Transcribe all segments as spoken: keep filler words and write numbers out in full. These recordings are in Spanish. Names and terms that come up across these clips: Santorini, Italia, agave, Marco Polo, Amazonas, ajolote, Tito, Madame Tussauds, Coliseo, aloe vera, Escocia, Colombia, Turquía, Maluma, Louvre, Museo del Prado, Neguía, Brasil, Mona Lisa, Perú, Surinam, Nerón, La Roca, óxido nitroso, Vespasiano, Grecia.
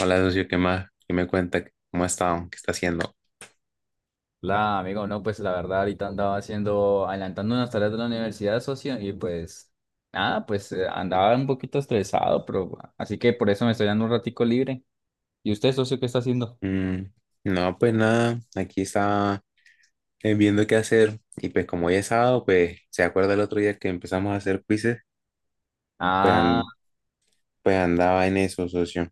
Hola, socio, ¿qué más? ¿Qué me cuenta? ¿Cómo ha estado? ¿Qué está haciendo? La, amigo, no, pues la verdad ahorita andaba haciendo, adelantando unas tareas de la universidad, socio, y pues nada, pues eh, andaba un poquito estresado, pero así que por eso me estoy dando un ratico libre. ¿Y usted, socio, qué está haciendo? Mm, no, pues nada, aquí estaba eh, viendo qué hacer y pues como hoy es sábado, pues se acuerda el otro día que empezamos a hacer quizzes, pues, an- Ah, pues andaba en eso, socio.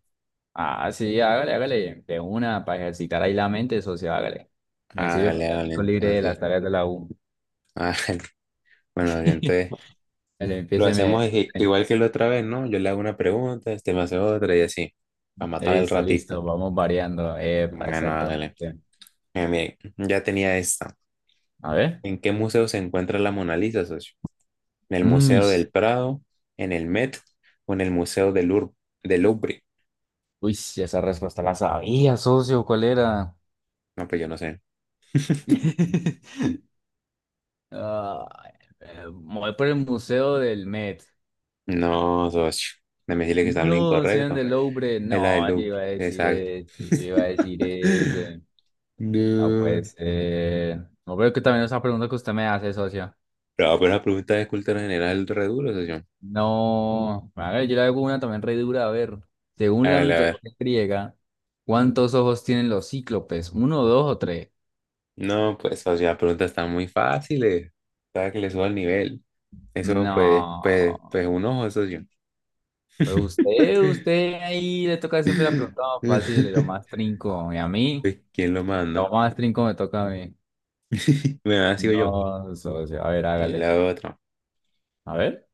ah, sí, hágale, hágale, de una, para ejercitar ahí la mente, socio, hágale. Me sirve para Hágale, el hágale, ratico libre de entonces. las tareas de la U. hágale. Bueno, y entonces Dale, lo empiéceme. hacemos i- igual que la otra vez, ¿no? Yo le hago una pregunta, este me hace otra y así, para matar el Listo, ratito. listo, vamos variando. Epa, Bueno, hágale. exactamente. Mire, mire, ya tenía esta. A ver. ¿En qué museo se encuentra la Mona Lisa, socio? ¿En el Mm. Museo del Prado, en el Met o en el Museo del, Ur- del Louvre? Uy, sí, esa respuesta la sabía, socio, ¿cuál era? No, pues yo no sé. Ah, eh, me voy por el Museo del Met. No, socio. No me decirle que está en lo No, sean incorrecto. del Louvre. Es la del No, yo Louvre. iba a decir Exacto. ese, yo iba a decir ese. No, No. pues, eh, no creo que también esa pregunta que usted me hace, socio. Pero, pero la pregunta de cultura general re duro, socio. No, a ver, yo le hago una también re dura. A ver, A según la ver, a ver. mitología griega, ¿cuántos ojos tienen los cíclopes? ¿Uno, dos o tres? No, pues, socio, las preguntas están muy fáciles. Para que le suba el nivel. Eso, pues, pues, No. pues, un ojo, socio. Pues usted, usted ahí le toca siempre la pregunta más fácil, lo más trinco. Y a mí, Pues, ¿quién lo lo manda? más trinco me toca a mí. Bueno, ahora sigo yo. No, socio. A ver, Eh, hágale. La otra. A ver.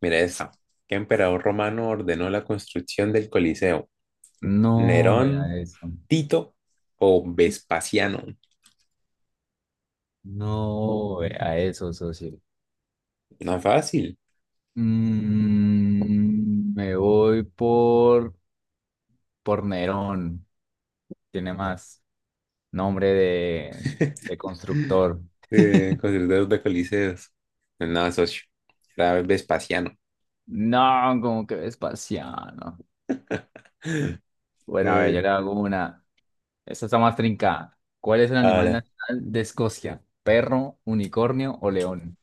Mira esta. ¿Qué emperador romano ordenó la construcción del Coliseo? No ¿Nerón, vea eso. Tito o Vespasiano? No vea eso, socio. No fácil. Mm, me voy por, por Nerón. Tiene más nombre de, de constructor. Eh, constructores de coliseos. Nada, socio. Era Vespasiano. No, como que Vespasiano. Bueno, a ver, Eh, yo le hago una. Esta está más trincada. ¿Cuál es el animal Ahora. nacional de Escocia? ¿Perro, unicornio o león?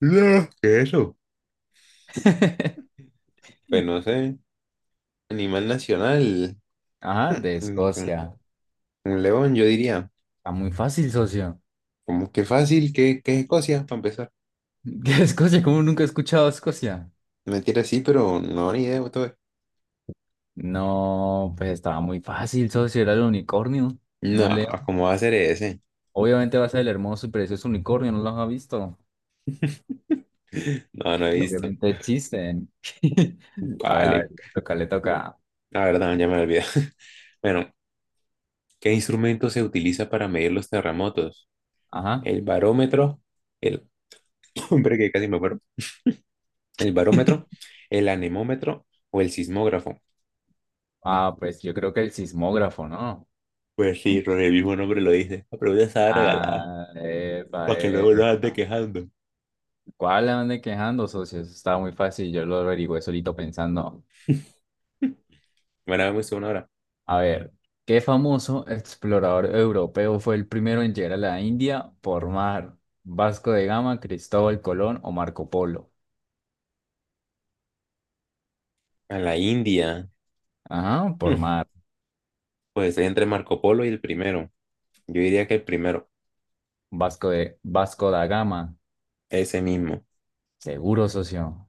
No, ¿qué es eso? Pues no sé. Animal nacional. Ajá, de Un Escocia. un león, yo diría. Está muy fácil, socio. Como que fácil, que, que es Escocia, para empezar. ¿Qué Escocia? ¿Cómo nunca he escuchado Escocia? Mentira, sí, pero no, ni idea. Todo. No, pues estaba muy fácil, socio. Era el unicornio. No, No leo. ¿cómo va a ser ese? Obviamente va a ser el hermoso y precioso unicornio, no los ha visto. No, no he Y visto. obviamente existen. A ver, a ver, Vale, le toca, le toca. la verdad, ya me olvidé. Bueno, ¿qué instrumento se utiliza para medir los terremotos? Ajá. El barómetro, el... Hombre, que casi me acuerdo. El barómetro, el anemómetro o el sismógrafo. Ah, pues yo creo que el sismógrafo, ¿no? Pues sí, con el mismo nombre lo dice. La pregunta estaba regalada, Ah, epa, para que luego no epa. ande quejando. ¿Cuál le ande quejando, socio? Estaba muy fácil, yo lo averigüé solito pensando. Bueno, vamos a una hora. A ver, ¿qué famoso explorador europeo fue el primero en llegar a la India por mar? ¿Vasco de Gama, Cristóbal Colón o Marco Polo? A la India. Ajá, por Hmm, mar. pues estoy entre Marco Polo y el primero. Yo diría que el primero, Vasco de Vasco da Gama, ese mismo. seguro, socio.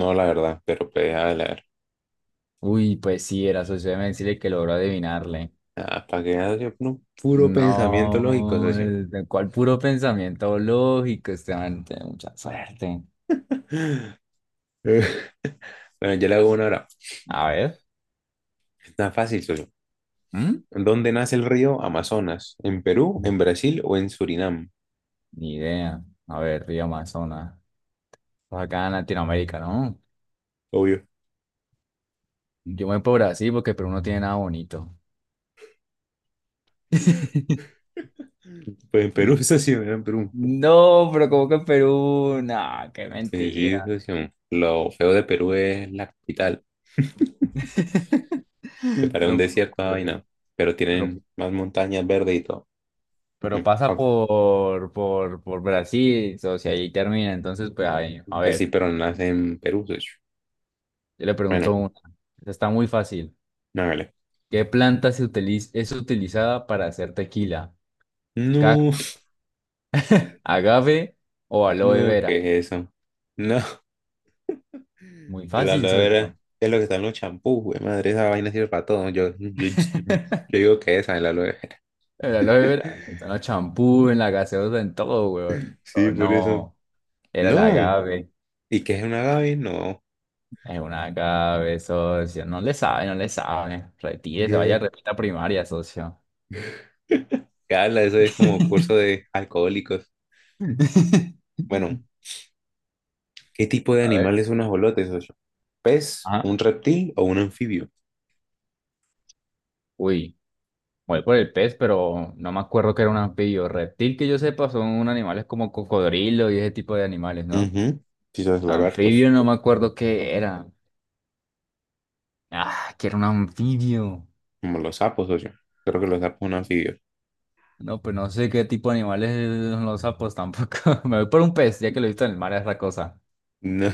No, la verdad, pero pues, a ver. Uy, pues sí, era socio, déjeme decirle que logró adivinarle. Ah, para que veas, yo, no, puro pensamiento lógico, No, socio. el- ¿cuál puro pensamiento lógico? Este man tiene mucha suerte. Eh, Bueno, yo le hago una hora. A ver, Está fácil, socio. ¿mm? ¿Dónde nace el río Amazonas? ¿En Perú, en Brasil o en Surinam? Ni idea. A ver, río Amazonas. Pues acá en Latinoamérica, ¿no? Obvio. Yo me voy por Brasil porque Perú no tiene nada bonito. Pues en Perú, socio, era en Perú. No, pero como que Perú, nah, qué Sí, sí, mentira. socio. Lo feo de Perú es la capital, que parece un No puede desierto, esa ser. vaina, pero pero, tienen más montañas verdes y todo. Mm, pero pasa ok. por, por, por Brasil, o sea, ahí termina. Entonces, pues, ahí, a Pues sí, ver, pero no nace en Perú, socio. yo le pregunto Bueno, una. Esta está muy fácil. no, vale. ¿Qué planta se utiliza, es utilizada para hacer tequila? No, Cactus, agave o aloe no, vera. ¿qué es eso? No. Muy El fácil, aloe vera socio. es lo que está en los champús, güey. Madre, esa vaina sirve para todo. Yo, yo, yo digo que esa es la aloe vera. El aloe vera, está en los champú, en la gaseosa, en todo, weón. Sí, Pero por eso. no, era el No. agave. ¿Y qué es una agave? No. Es un agave, socio. No le sabe, no le sabe. Retire, se vaya a No. repita primaria, socio. ¿Qué habla? Eso es como curso de alcohólicos. Bueno, ¿qué tipo de A ver. animal es un ajolote, socio? ¿Pez, Ajá. un reptil o un anfibio? Uy, voy por el pez, pero no me acuerdo que era un anfibio. Reptil que yo sepa son animales como cocodrilo y ese tipo de animales, ¿no? Ujú. Quizás Anfibio lagartos, no me acuerdo qué era. Ah, quiero un anfibio. como los sapos, socio. Creo que los sapos son anfibios. No, pues no sé qué tipo de animales son los sapos tampoco. Me voy por un pez, ya que lo he visto en el mar, es la cosa. No.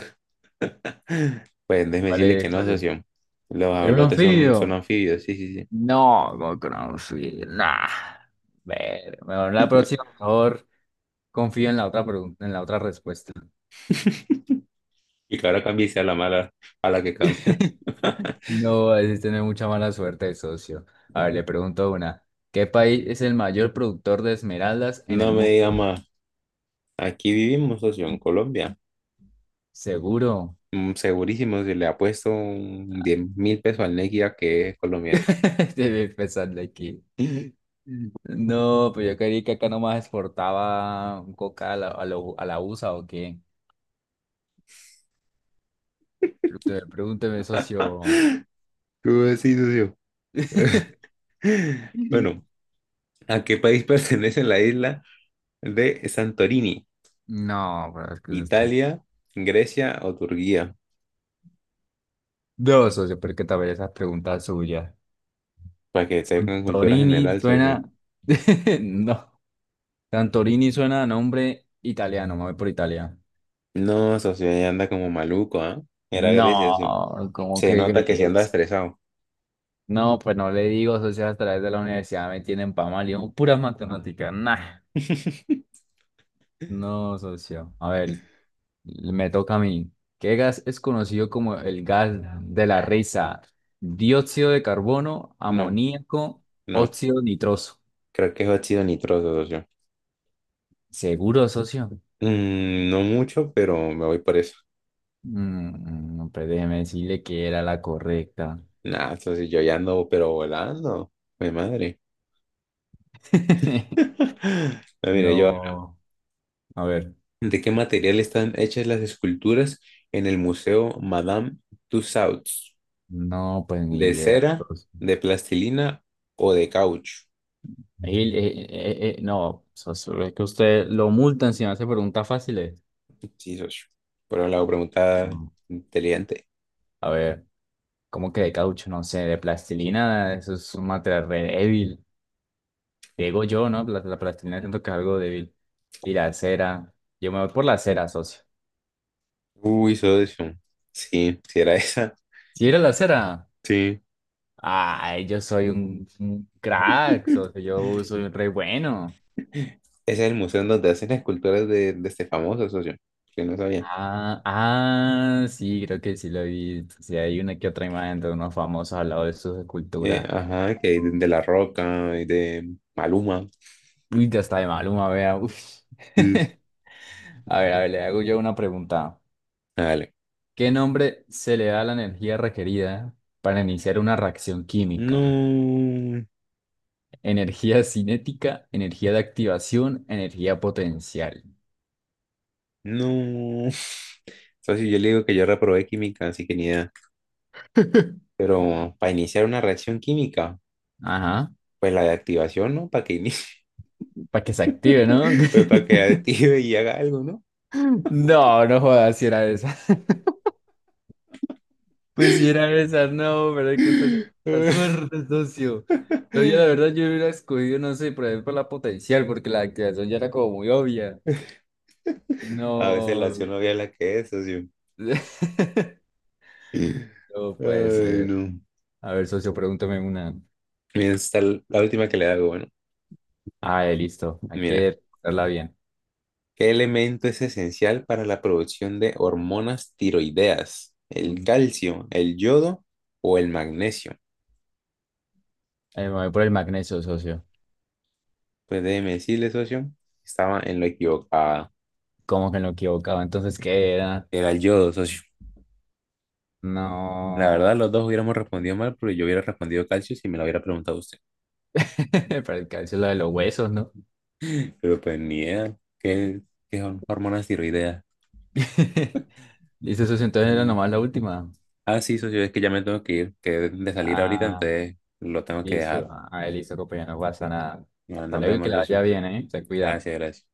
Pues déjeme ¿Cuál decirle que es? no, ¿Cuál es? socio. Los ¿Era un ajolotes son, son anfibio? anfibios, sí, sí, No, no con un anfibio. Nah. Ver, mejor sí. la próxima, mejor confío en la otra pregunta, en la otra respuesta. Y que ahora cambie y sea la mala a la que cambia. No, es tener mucha mala suerte, socio. A ver, le pregunto una. ¿Qué país es el mayor productor de esmeraldas en No el me mundo? diga más. Aquí vivimos, socio, en Colombia. Seguro. Mm, segurísimo, si le ha puesto un diez mil pesos al Neguía que es colombiano. Estoy pensando aquí. No, pues yo creí que acá nomás exportaba coca a la, a lo- a la U S A o qué. Pregúnteme, pregúnteme, socio. ¿Cómo así, socio? Bueno, ¿a qué país pertenece la isla de Santorini? No, pero es que eso está- ¿Italia, Grecia o Turquía? No, socio, pero es que también esas preguntas suyas. Para que tengan cultura Santorini general, socio. suena. No. Santorini suena a nombre italiano, me voy por Italia. No, socio, ya anda como maluco, ¿ah? Era Grecia, socio. No, ¿cómo Se que nota que sí anda crees? estresado. No, pues no le digo, socio, a través de la universidad me tienen pa' mal, yo, puras matemáticas, nah. No, socio. A ver, me toca a mí. ¿Qué gas es conocido como el gas de la risa? Dióxido de carbono, No, amoníaco, no. óxido nitroso. Creo que es óxido nitroso, socio. ¿Seguro, socio? Mm, no mucho, pero me voy por eso. Mm, no, pues déjeme decirle que era la correcta. Nah, entonces yo ya ando, pero volando. Mi madre. No, mire, yo. No, a ver, ¿De qué material están hechas las esculturas en el Museo Madame Tussauds? no, pues ni ¿De idea, cera, socio. de plastilina o de caucho? Ahí, eh, eh, eh, eh, no, o sea, solo es que usted lo multan si me hace preguntas fáciles. Sí, socio. Por un lado, pregunta No. inteligente. A ver, ¿cómo que de caucho? No sé, de plastilina, eso es un material re débil. Digo yo, ¿no? La, la plastilina siento que es algo débil. Y la cera, yo me voy por la cera, socio. Uy, socio. Sí, si era esa. Si era la cera, Sí. ay, yo soy un, un crack, socio, yo soy un re bueno. Ese es el museo en donde hacen esculturas de, de este famoso socio, que no sabía. Ah, ah, sí, creo que sí lo vi. Sí, hay una que otra imagen de unos famosos al lado de sus Eh, esculturas. Ajá, que de, de La Roca y de Maluma. Uy, ya está de Maluma, vea. Uf. Sí, sí. A ver, a ver, le hago yo una pregunta. Dale. ¿Qué nombre se le da a la energía requerida para iniciar una reacción química? No, Energía cinética, energía de activación, energía potencial. no. Socio, yo le digo que yo reprobé química, así que ni idea. Pero para iniciar una reacción química, Ajá, pues la de activación, ¿no? Para que inicie, para que se active, ¿no? pues para que active y haga algo, ¿no? No, no jodas, si era esa. Pues si era esa, no, pero es que está la suerte, socio. No, yo la verdad yo hubiera escogido, no sé, por ejemplo, la potencial, porque la activación ya era como muy obvia. A veces la No, acción no es la que es, socio. no puede Ay, ser. no. A ver, socio, pregúntame una. Bien, esta es la última que le hago, bueno. Ah, eh, listo. Hay Mira, que darla bien. ¿qué elemento es esencial para la producción de hormonas tiroideas? ¿El Mm. calcio, el yodo o el magnesio? Eh, me voy por el magnesio, socio. Pues déjeme decirle, socio, estaba en lo equivocado. ¿Cómo que no equivocaba? Entonces, ¿qué era? Era el yodo, socio. La verdad, No. los dos hubiéramos respondido mal, pero yo hubiera respondido calcio si me lo hubiera preguntado usted. Para el calcio, la de los huesos, ¿no? Pero pues ni idea. ¿Qué, qué son hormonas tiroideas? Listo, socio. Entonces era Mm. nomás la última. Ah, sí, socio, es que ya me tengo que ir, que he de salir ahorita, Ah, entonces lo tengo que listo. dejar. Ah, eh, listo, compañero. No pasa nada. Bueno, Hasta nos luego y que vemos, la vaya socio. bien, ¿eh? Se cuida. Gracias, gracias.